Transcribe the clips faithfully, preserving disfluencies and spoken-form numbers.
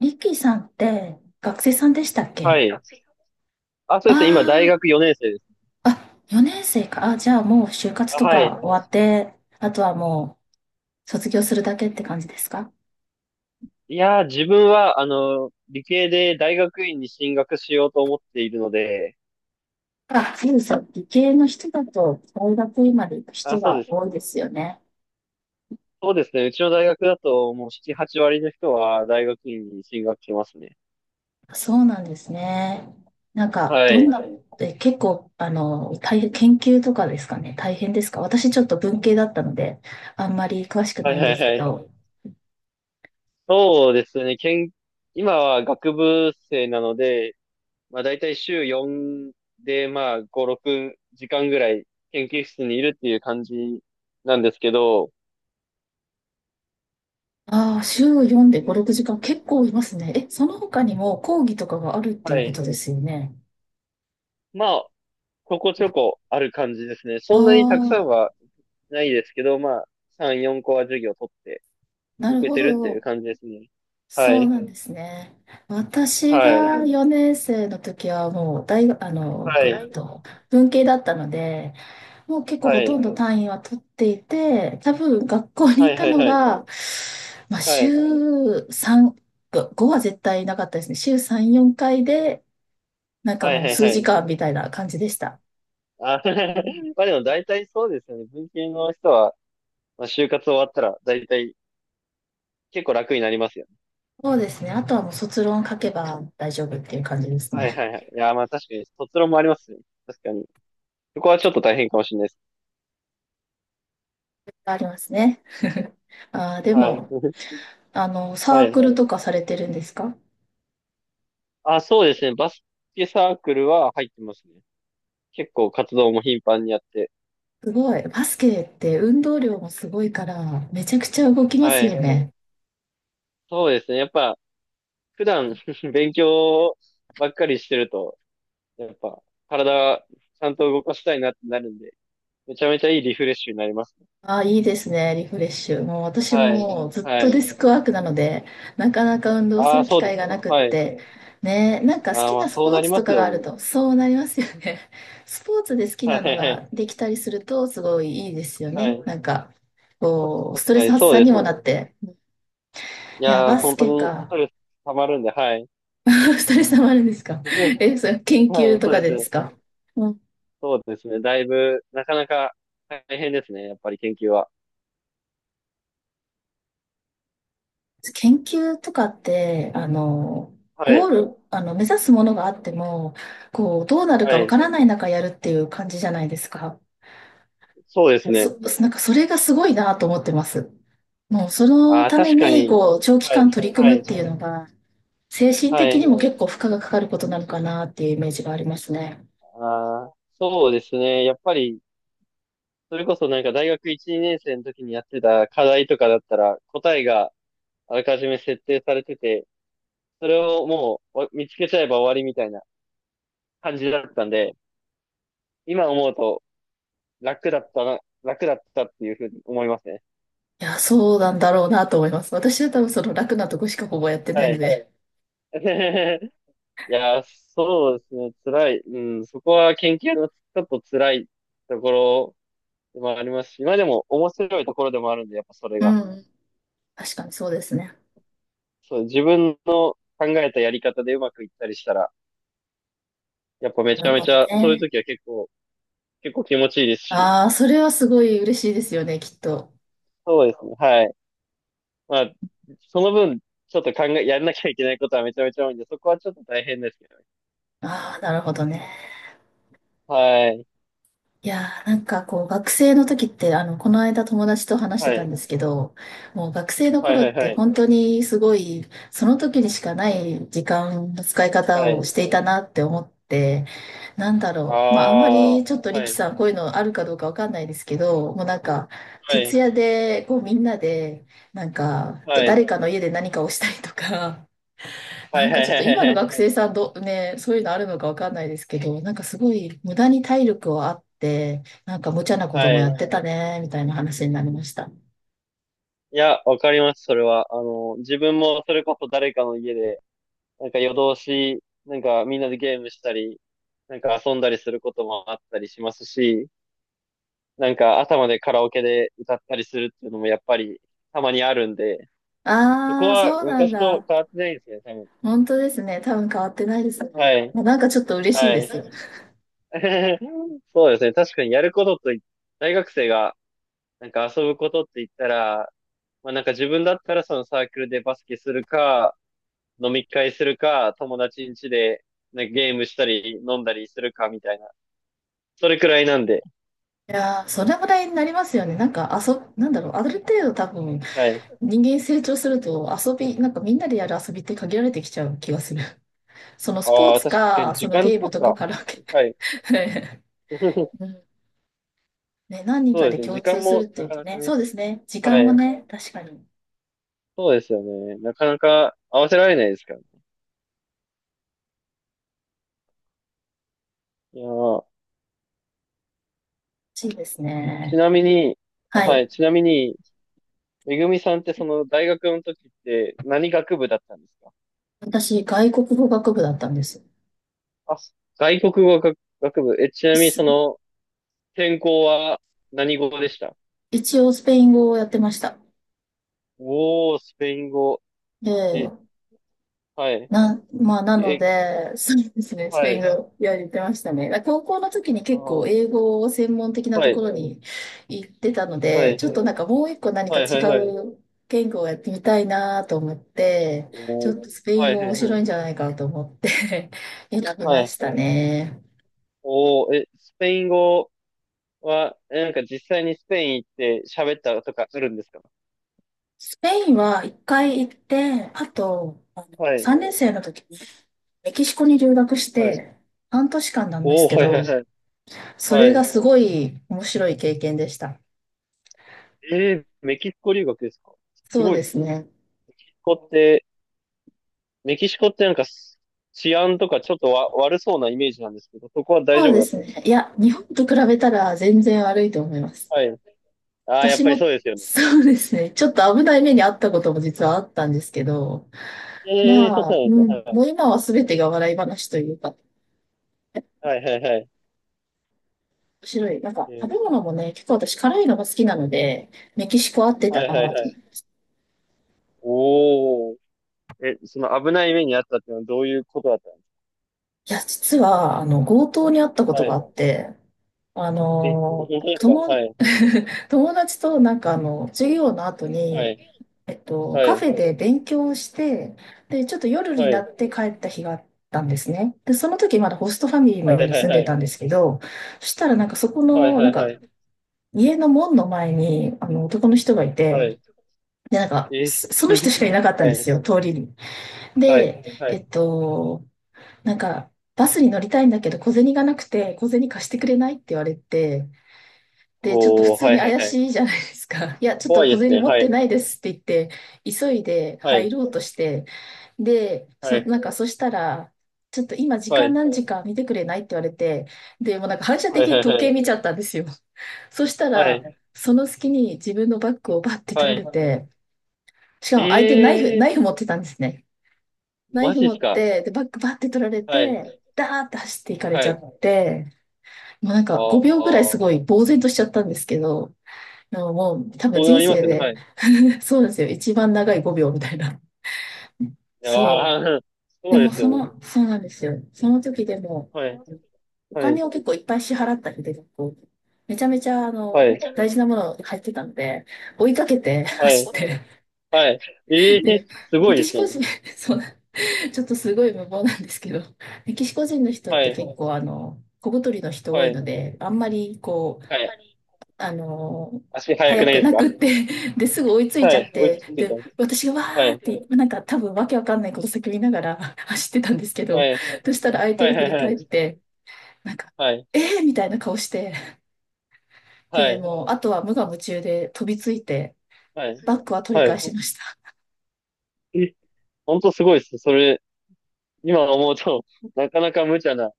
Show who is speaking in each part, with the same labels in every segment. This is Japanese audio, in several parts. Speaker 1: リキさんって学生さんでしたっ
Speaker 2: は
Speaker 1: け？
Speaker 2: い。あ、そうですね。今、大
Speaker 1: あ
Speaker 2: 学よねん生です。
Speaker 1: あー、あ、よねん生か。あ、じゃあもう就活
Speaker 2: あ、
Speaker 1: と
Speaker 2: はい。
Speaker 1: か終わって、あとはもう卒業するだけって感じですか？
Speaker 2: いやー、自分は、あの、理系で大学院に進学しようと思っているので、
Speaker 1: あ、そうですよ。理系の人だと大学院まで行く
Speaker 2: あ、
Speaker 1: 人
Speaker 2: そう
Speaker 1: が
Speaker 2: です。
Speaker 1: 多いですよね。
Speaker 2: そうですね。うちの大学だと、もうしち、はちわり割の人は大学院に進学してますね。
Speaker 1: そうなんですね。なんか、
Speaker 2: は
Speaker 1: どん
Speaker 2: い。
Speaker 1: な、え、結構、あの、大変、研究とかですかね。大変ですか？私ちょっと文系だったので、あんまり詳しく
Speaker 2: は
Speaker 1: な
Speaker 2: い
Speaker 1: いん
Speaker 2: は
Speaker 1: で
Speaker 2: い
Speaker 1: すけ
Speaker 2: はい。
Speaker 1: ど。
Speaker 2: そうですね。けん、今は学部生なので、まあ大体週よんで、まあご、ろくじかんぐらい研究室にいるっていう感じなんですけど、
Speaker 1: ああ、週よんで
Speaker 2: う
Speaker 1: ご、
Speaker 2: ん
Speaker 1: ろくじかん結構いますね。え、その他にも講義とかがあるって
Speaker 2: は
Speaker 1: いうこと
Speaker 2: い。
Speaker 1: ですよね。
Speaker 2: まあ、ここちょこある感じですね。
Speaker 1: あ
Speaker 2: そんなにたくさん
Speaker 1: あ、
Speaker 2: はないですけど、まあ、さん、よんこは授業取って
Speaker 1: なる
Speaker 2: 受け
Speaker 1: ほ
Speaker 2: てるっていう
Speaker 1: ど。
Speaker 2: 感じですね。は
Speaker 1: そう
Speaker 2: い、
Speaker 1: なんですね。私
Speaker 2: はい、
Speaker 1: がよねん生の時はもう大学、あの、
Speaker 2: は
Speaker 1: ぐっ
Speaker 2: い、
Speaker 1: と文系だったので、もう結構
Speaker 2: は
Speaker 1: ほとん
Speaker 2: い、
Speaker 1: ど単位は取っていて、多分学校に
Speaker 2: は
Speaker 1: い
Speaker 2: い、
Speaker 1: た
Speaker 2: はい、
Speaker 1: の
Speaker 2: はい、
Speaker 1: が、まあ、
Speaker 2: はい、
Speaker 1: 週さん、ごは絶対なかったですね。週さん、よんかいで、なんか
Speaker 2: はい、
Speaker 1: もう
Speaker 2: はい、
Speaker 1: 数
Speaker 2: は
Speaker 1: 時
Speaker 2: い。
Speaker 1: 間みたいな感じでした。
Speaker 2: あ、まあでも大体そうですよね。文系の人は、まあ、就活終わったら大体結構楽になりますよね。
Speaker 1: そうですね。あとはもう卒論書けば大丈夫っていう感じです
Speaker 2: はい
Speaker 1: ね。
Speaker 2: はいはい。いや、まあ確かに卒論もありますね。確かに。そこはちょっと大変かもしれないです。
Speaker 1: ありますね。あー、で
Speaker 2: はい。
Speaker 1: も、あの、
Speaker 2: は
Speaker 1: サーク
Speaker 2: い。
Speaker 1: ルとかされてるんですか？
Speaker 2: あ、そうですね。バスケサークルは入ってますね。結構活動も頻繁にやって。
Speaker 1: すごい。バスケって運動量もすごいから、めちゃくちゃ動きます
Speaker 2: は
Speaker 1: よ
Speaker 2: い。
Speaker 1: ね。
Speaker 2: そうですね。やっぱ、普段 勉強ばっかりしてると、やっぱ、体、ちゃんと動かしたいなってなるんで、めちゃめちゃいいリフレッシュになりますね。
Speaker 1: あ、いいですね、リフレッシュ。もう私も
Speaker 2: はい。
Speaker 1: もうずっ
Speaker 2: は
Speaker 1: とデ
Speaker 2: い。
Speaker 1: スクワークなので、なかなか運動す
Speaker 2: ああ、
Speaker 1: る機
Speaker 2: そうで
Speaker 1: 会
Speaker 2: す
Speaker 1: がな
Speaker 2: か。
Speaker 1: くっ
Speaker 2: はい。
Speaker 1: て、ね、なんか好
Speaker 2: ああ、
Speaker 1: き
Speaker 2: まあ、
Speaker 1: なス
Speaker 2: そう
Speaker 1: ポー
Speaker 2: なり
Speaker 1: ツと
Speaker 2: ます
Speaker 1: かが
Speaker 2: よ
Speaker 1: ある
Speaker 2: ね。
Speaker 1: と、そうなりますよね。スポーツで好き
Speaker 2: は
Speaker 1: なのが
Speaker 2: い。
Speaker 1: できたりすると、すごいいいですよ
Speaker 2: は
Speaker 1: ね。
Speaker 2: い。
Speaker 1: なんか、こう、ストレ
Speaker 2: は
Speaker 1: ス
Speaker 2: い、
Speaker 1: 発
Speaker 2: そう
Speaker 1: 散
Speaker 2: で
Speaker 1: に
Speaker 2: す
Speaker 1: も
Speaker 2: ね。
Speaker 1: なって。
Speaker 2: い
Speaker 1: いや、
Speaker 2: やー、
Speaker 1: バス
Speaker 2: 本当
Speaker 1: ケ
Speaker 2: にス
Speaker 1: か。
Speaker 2: トレス溜まるんで、はい。
Speaker 1: ストレス溜まるんですか？ え、それ研
Speaker 2: は
Speaker 1: 究
Speaker 2: い、
Speaker 1: と
Speaker 2: そ
Speaker 1: か
Speaker 2: うで
Speaker 1: で
Speaker 2: す
Speaker 1: で
Speaker 2: ね。
Speaker 1: すか？
Speaker 2: そうですね。だいぶ、なかなか大変ですね。やっぱり研究は。
Speaker 1: 研究とかって、あの、
Speaker 2: は
Speaker 1: ゴー
Speaker 2: い。
Speaker 1: ル、あの、目指すものがあっても、こう、どうなる
Speaker 2: は
Speaker 1: かわ
Speaker 2: い。
Speaker 1: からない中やるっていう感じじゃないですか。
Speaker 2: そうですね。
Speaker 1: そ、なんかそれがすごいなと思ってます。もうその
Speaker 2: ああ、
Speaker 1: ため
Speaker 2: 確か
Speaker 1: に、
Speaker 2: に。
Speaker 1: こう、長期
Speaker 2: は
Speaker 1: 間
Speaker 2: い。
Speaker 1: 取り組
Speaker 2: は
Speaker 1: むっ
Speaker 2: い。
Speaker 1: ていうのが、精神
Speaker 2: は
Speaker 1: 的に
Speaker 2: い。
Speaker 1: も結構負荷がかかることなのかなっていうイメージがありますね。
Speaker 2: ああ、そうですね。やっぱり、それこそなんか大学いち、にねん生の時にやってた課題とかだったら、答えがあらかじめ設定されてて、それをもうわ見つけちゃえば終わりみたいな感じだったんで、今思うと楽だったな、楽だったっていうふうに思いますね。
Speaker 1: いや、そうなんだろうなと思います。私は多分その楽なとこしかほぼやってない
Speaker 2: は
Speaker 1: の
Speaker 2: い。
Speaker 1: で。
Speaker 2: いやー、そうですね。辛い。うん、そこは研究のちょっと辛いところまあありますし、今でも面白いところでもあるんで、やっぱそれ
Speaker 1: う
Speaker 2: が。
Speaker 1: ん、確かにそうですね。
Speaker 2: そう、自分の考えたやり方でうまくいったりしたら、やっぱめ
Speaker 1: な
Speaker 2: ちゃ
Speaker 1: る
Speaker 2: め
Speaker 1: ほ
Speaker 2: ち
Speaker 1: ど
Speaker 2: ゃ、そういう
Speaker 1: ね。
Speaker 2: 時は結構、結構気持ちいいですし、
Speaker 1: ああ、それはすごい嬉しいですよね、きっと。
Speaker 2: そうですね、はい。まあ、その分、ちょっと考え、やらなきゃいけないことはめちゃめちゃ多いんで、そこはちょっと大変ですけどね。
Speaker 1: ああ、なるほどね。
Speaker 2: はい、
Speaker 1: いやー、なんかこう、学生の時って、あの、この間友達と話して
Speaker 2: は
Speaker 1: たん
Speaker 2: い、
Speaker 1: ですけど、もう学生の
Speaker 2: はい、
Speaker 1: 頃っ
Speaker 2: はい、は
Speaker 1: て
Speaker 2: い、
Speaker 1: 本当にすごい、その時にしかない時間の使い方
Speaker 2: は
Speaker 1: をし
Speaker 2: い、
Speaker 1: ていたなって思って、なんだ
Speaker 2: あ
Speaker 1: ろう。まあ、あんま
Speaker 2: あ、
Speaker 1: りちょっとリ
Speaker 2: は
Speaker 1: キ
Speaker 2: い、
Speaker 1: さん、こういうのあるかどうかわかんないですけど、もうなんか、
Speaker 2: はい、
Speaker 1: 徹夜で、こう、みんなで、なんか、
Speaker 2: はい、
Speaker 1: 誰かの家で何かをしたりとか、
Speaker 2: は
Speaker 1: な
Speaker 2: い、
Speaker 1: ん
Speaker 2: は
Speaker 1: か
Speaker 2: い、
Speaker 1: ちょっ
Speaker 2: は
Speaker 1: と
Speaker 2: い、は
Speaker 1: 今の
Speaker 2: い、
Speaker 1: 学
Speaker 2: はい、
Speaker 1: 生さんど、ね、そういうのあるのかわかんないですけど、なんかすごい無駄に体力をあって、なんか無茶なこと
Speaker 2: は
Speaker 1: もや
Speaker 2: い。
Speaker 1: ってたね、みたいな話になりました。
Speaker 2: いや、わかります、それは。あの、自分もそれこそ誰かの家で、なんか夜通し、なんかみんなでゲームしたり、なんか遊んだりすることもあったりしますし、なんか朝までカラオケで歌ったりするっていうのもやっぱりたまにあるんで、そこ
Speaker 1: ああ、
Speaker 2: は
Speaker 1: そうなん
Speaker 2: 昔と
Speaker 1: だ。
Speaker 2: 変わってないですね、多分。
Speaker 1: 本当ですね。多分変わってないですね。
Speaker 2: はい。
Speaker 1: なんかちょっと嬉しい
Speaker 2: は
Speaker 1: で
Speaker 2: い。
Speaker 1: す。
Speaker 2: そうですね。確かにやることとい、大学生がなんか遊ぶことって言ったら、まあなんか自分だったらそのサークルでバスケするか、飲み会するか、友達ん家でなんかゲームしたり飲んだりするかみたいな、それくらいなんで、
Speaker 1: いやー、それぐらいになりますよね。なんか、あそ、なんだろう、ある程度多分、
Speaker 2: はい。
Speaker 1: 人間成長すると遊び、なんかみんなでやる遊びって限られてきちゃう気がする。そのスポー
Speaker 2: ああ、
Speaker 1: ツ
Speaker 2: 確かに
Speaker 1: か、そ
Speaker 2: 時
Speaker 1: の
Speaker 2: 間
Speaker 1: ゲーム
Speaker 2: と
Speaker 1: とか
Speaker 2: か。
Speaker 1: カラオケ。
Speaker 2: はい。
Speaker 1: ね、何人
Speaker 2: そう
Speaker 1: か
Speaker 2: で
Speaker 1: で
Speaker 2: すね。
Speaker 1: 共
Speaker 2: 時
Speaker 1: 通
Speaker 2: 間
Speaker 1: する
Speaker 2: も
Speaker 1: って
Speaker 2: な
Speaker 1: いう
Speaker 2: か
Speaker 1: と
Speaker 2: なか
Speaker 1: ね、そ
Speaker 2: ね。
Speaker 1: うですね。時
Speaker 2: は
Speaker 1: 間も
Speaker 2: い。
Speaker 1: ね、確かに欲
Speaker 2: そうですよね。なかなか合わせられないですからね。いやー
Speaker 1: しいです
Speaker 2: ち
Speaker 1: ね。
Speaker 2: なみに、あ、
Speaker 1: は
Speaker 2: は
Speaker 1: い。
Speaker 2: い。ちなみに、めぐみさんってその大学の時って何学部だったんですか？
Speaker 1: 私、外国語学部だったんです。
Speaker 2: あ、外国語学、学部。え、ちなみにそ
Speaker 1: す
Speaker 2: の専攻は何語でした？
Speaker 1: 一応、スペイン語をやってました。
Speaker 2: おー、スペイン語。
Speaker 1: で、
Speaker 2: え、はい。
Speaker 1: な、まあ、なの
Speaker 2: え、
Speaker 1: で、そうですね、ス
Speaker 2: は
Speaker 1: ペイン
Speaker 2: い。
Speaker 1: 語やりてましたね。だ高校の時に
Speaker 2: あ
Speaker 1: 結構
Speaker 2: ー、
Speaker 1: 英語を専門的な
Speaker 2: は
Speaker 1: とこ
Speaker 2: い。
Speaker 1: ろに行ってたの
Speaker 2: は
Speaker 1: で、ちょっ
Speaker 2: い。
Speaker 1: となんかもういっこ何か
Speaker 2: はい、
Speaker 1: 違
Speaker 2: はい、はい。
Speaker 1: う言語をやってみたいなと思って、ちょ
Speaker 2: おー
Speaker 1: っとスペイ
Speaker 2: は
Speaker 1: ン
Speaker 2: い
Speaker 1: 語
Speaker 2: は
Speaker 1: 面
Speaker 2: いは
Speaker 1: 白
Speaker 2: い。
Speaker 1: いんじゃないかと思って 選び
Speaker 2: は
Speaker 1: ま
Speaker 2: い。
Speaker 1: したね。
Speaker 2: おー、え、スペイン語は、え、なんか実際にスペイン行って喋ったとかあるんですか？
Speaker 1: スペインはいっかい行って、あと
Speaker 2: はい。
Speaker 1: さんねん生の時にメキシコに留学し
Speaker 2: はい。
Speaker 1: て、はんとしかんなんで
Speaker 2: お
Speaker 1: すけ
Speaker 2: ー、はいはい
Speaker 1: ど、
Speaker 2: はい。
Speaker 1: それ
Speaker 2: は
Speaker 1: が
Speaker 2: い。
Speaker 1: すごい面白い経験でした。
Speaker 2: えー、メキシコ留学ですか？す
Speaker 1: そう
Speaker 2: ごい。
Speaker 1: で
Speaker 2: メキ
Speaker 1: すね。
Speaker 2: シコって、メキシコってなんかす治安とかちょっとわ悪そうなイメージなんですけど、そこは大
Speaker 1: そう
Speaker 2: 丈夫
Speaker 1: で
Speaker 2: だっ
Speaker 1: す
Speaker 2: たんですか？
Speaker 1: ね。いや、日本と比べたら全然悪いと思います。
Speaker 2: はい。ああ、やっ
Speaker 1: 私
Speaker 2: ぱり
Speaker 1: も、
Speaker 2: そうですよね。
Speaker 1: そうですね。ちょっと危ない目に遭ったことも実はあったんですけど、
Speaker 2: ええー、そ
Speaker 1: ま
Speaker 2: うな
Speaker 1: あ、
Speaker 2: んで
Speaker 1: う
Speaker 2: す
Speaker 1: ん、も
Speaker 2: よ。
Speaker 1: う今は全てが笑い話というか、面
Speaker 2: はいはいはいはい。
Speaker 1: 白い。なんか、
Speaker 2: えー、
Speaker 1: 食べ
Speaker 2: メキシ
Speaker 1: 物もね、結構私辛いのが好きなので、メキシコ合って
Speaker 2: コ。は
Speaker 1: た
Speaker 2: いはい
Speaker 1: なと。
Speaker 2: は
Speaker 1: い
Speaker 2: い。おー。え、その危ない目にあったっていうのはどういうことだったんです
Speaker 1: や、実は、あの、強盗に遭ったことがあっ
Speaker 2: か？
Speaker 1: て、あ
Speaker 2: え、
Speaker 1: の、
Speaker 2: 本当ですか？は
Speaker 1: 友、
Speaker 2: い、
Speaker 1: 友達となんかあの、授業の後
Speaker 2: は
Speaker 1: に、
Speaker 2: い、
Speaker 1: えっと、
Speaker 2: は
Speaker 1: カフ
Speaker 2: い、
Speaker 1: ェで勉強をして、で、ちょっと夜に
Speaker 2: は
Speaker 1: な
Speaker 2: い、
Speaker 1: って帰った日があったんですね。で、その時まだホストファミリーの
Speaker 2: は
Speaker 1: 家
Speaker 2: い、
Speaker 1: に
Speaker 2: はい、
Speaker 1: 住ん
Speaker 2: は
Speaker 1: で
Speaker 2: い、
Speaker 1: たんですけど、そしたらなんかそこ
Speaker 2: はい、
Speaker 1: の、
Speaker 2: は
Speaker 1: なん
Speaker 2: い、は
Speaker 1: か
Speaker 2: い、
Speaker 1: 家の門の前に、あの、男の人がい
Speaker 2: は
Speaker 1: て、
Speaker 2: い、
Speaker 1: で、なんか、
Speaker 2: え、
Speaker 1: そその人 しかいなかったん
Speaker 2: は
Speaker 1: で
Speaker 2: い、
Speaker 1: すよ、通りに。
Speaker 2: はい、
Speaker 1: で、
Speaker 2: は
Speaker 1: え
Speaker 2: い、
Speaker 1: っと、なんか、バスに乗りたいんだけど小銭がなくて、小銭貸してくれないって言われて、で、ちょっと普
Speaker 2: もう、
Speaker 1: 通
Speaker 2: は
Speaker 1: に
Speaker 2: い、はい、
Speaker 1: 怪
Speaker 2: はい、
Speaker 1: しいじゃないですか。いや、ちょっと
Speaker 2: 怖いで
Speaker 1: 小
Speaker 2: す
Speaker 1: 銭
Speaker 2: ね、
Speaker 1: 持っ
Speaker 2: は
Speaker 1: て
Speaker 2: い、
Speaker 1: ないですって言って、急いで
Speaker 2: は
Speaker 1: 入
Speaker 2: い、
Speaker 1: ろうとして、で、
Speaker 2: は
Speaker 1: そ、
Speaker 2: い、
Speaker 1: なんかそしたら、ちょっと今時
Speaker 2: は
Speaker 1: 間
Speaker 2: い、
Speaker 1: 何時か見てくれないって言われて、で、もうなんか反射
Speaker 2: は
Speaker 1: 的
Speaker 2: い、は
Speaker 1: に
Speaker 2: い、
Speaker 1: 時
Speaker 2: は
Speaker 1: 計
Speaker 2: い、
Speaker 1: 見ちゃったんですよ。そした
Speaker 2: は
Speaker 1: ら、
Speaker 2: い、
Speaker 1: その隙に自分のバッグをバッて
Speaker 2: は
Speaker 1: 取ら
Speaker 2: い、
Speaker 1: れて、しかも相手ナイフ、
Speaker 2: え
Speaker 1: ナイフ
Speaker 2: え
Speaker 1: 持ってたんですね。
Speaker 2: ー、
Speaker 1: ナイ
Speaker 2: マ
Speaker 1: フ
Speaker 2: ジで
Speaker 1: 持
Speaker 2: す
Speaker 1: っ
Speaker 2: か？
Speaker 1: て、で、バッグバッて取られ
Speaker 2: はい、
Speaker 1: て、ダーって走っていかれち
Speaker 2: は
Speaker 1: ゃ
Speaker 2: い、
Speaker 1: って、もうなん
Speaker 2: あ
Speaker 1: か
Speaker 2: ー
Speaker 1: ごびょう
Speaker 2: あ
Speaker 1: ぐらいす
Speaker 2: ー、
Speaker 1: ごい呆然としちゃったんですけど、あのもう多分
Speaker 2: そうな
Speaker 1: 人
Speaker 2: りま
Speaker 1: 生
Speaker 2: すよね、は
Speaker 1: で、
Speaker 2: い、
Speaker 1: そうですよ。一番長いごびょうみたいな。そ
Speaker 2: あ
Speaker 1: う。
Speaker 2: あ、そ
Speaker 1: で
Speaker 2: うで
Speaker 1: も
Speaker 2: す
Speaker 1: そ
Speaker 2: よね、
Speaker 1: の、そうなんですよ。その時でも、
Speaker 2: はい、
Speaker 1: お
Speaker 2: はい、
Speaker 1: 金を結構いっぱい支払ったりで、こうめちゃめちゃ、あの、
Speaker 2: はい、
Speaker 1: 大事なもの入ってたんで、追いかけて
Speaker 2: はい、
Speaker 1: 走って、
Speaker 2: はい、ええー、
Speaker 1: で、
Speaker 2: す
Speaker 1: メ
Speaker 2: ごい
Speaker 1: キ
Speaker 2: で
Speaker 1: シ
Speaker 2: す
Speaker 1: コ人、
Speaker 2: ね、
Speaker 1: そう、ちょっとすごい無謀なんですけど、メキシコ人の人っ
Speaker 2: は
Speaker 1: て
Speaker 2: い、
Speaker 1: 結構、あの、小太りの人多
Speaker 2: は
Speaker 1: いの
Speaker 2: い、
Speaker 1: で、あんまり、こう、
Speaker 2: はい。
Speaker 1: あの、
Speaker 2: 足速く
Speaker 1: 早
Speaker 2: ない
Speaker 1: く
Speaker 2: です
Speaker 1: な
Speaker 2: か？
Speaker 1: くって で、すぐ追いついち
Speaker 2: は
Speaker 1: ゃっ
Speaker 2: い。追い
Speaker 1: て、
Speaker 2: ついてた
Speaker 1: で、
Speaker 2: んです。
Speaker 1: 私がわ
Speaker 2: は
Speaker 1: ーっ
Speaker 2: い。
Speaker 1: て、なんか多分わけわかんないこと叫びながら 走ってたんですけ
Speaker 2: は
Speaker 1: ど、
Speaker 2: い。
Speaker 1: そしたら相手
Speaker 2: は
Speaker 1: が
Speaker 2: いは
Speaker 1: 振
Speaker 2: い
Speaker 1: り
Speaker 2: は
Speaker 1: 返
Speaker 2: い。
Speaker 1: って、なんか、
Speaker 2: はい。
Speaker 1: えーみたいな顔して、
Speaker 2: は
Speaker 1: で、
Speaker 2: い。
Speaker 1: もう、あとは無我夢中で飛びついて、
Speaker 2: はい。
Speaker 1: バックは取り
Speaker 2: はい。
Speaker 1: 返しました。
Speaker 2: え、本当すごいです。それ、今思うと、なかなか無茶な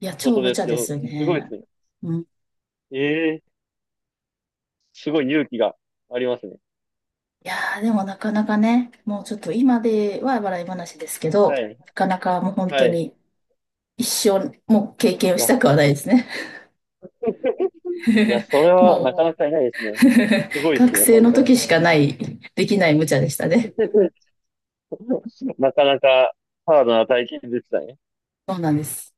Speaker 1: いや、
Speaker 2: こ
Speaker 1: 超
Speaker 2: と
Speaker 1: 無
Speaker 2: です
Speaker 1: 茶
Speaker 2: け
Speaker 1: で
Speaker 2: ど、
Speaker 1: す
Speaker 2: すごいで
Speaker 1: ね。
Speaker 2: すね。
Speaker 1: うん。い
Speaker 2: ええすごい勇気がありますね。
Speaker 1: やー、でもなかなかね、もうちょっと今では笑い話ですけど、
Speaker 2: はい。
Speaker 1: なかなかもう本当
Speaker 2: はい。
Speaker 1: に一生、もう経験
Speaker 2: い
Speaker 1: をし
Speaker 2: や、
Speaker 1: たくはないですね。
Speaker 2: いや、それ はなか
Speaker 1: も
Speaker 2: なかいないですね。すご
Speaker 1: う
Speaker 2: いです
Speaker 1: 学
Speaker 2: ね、
Speaker 1: 生
Speaker 2: 本
Speaker 1: の
Speaker 2: 当。
Speaker 1: 時しかない、できない無茶でしたね。
Speaker 2: なかなかハードな体験でしたね。
Speaker 1: そうなんです。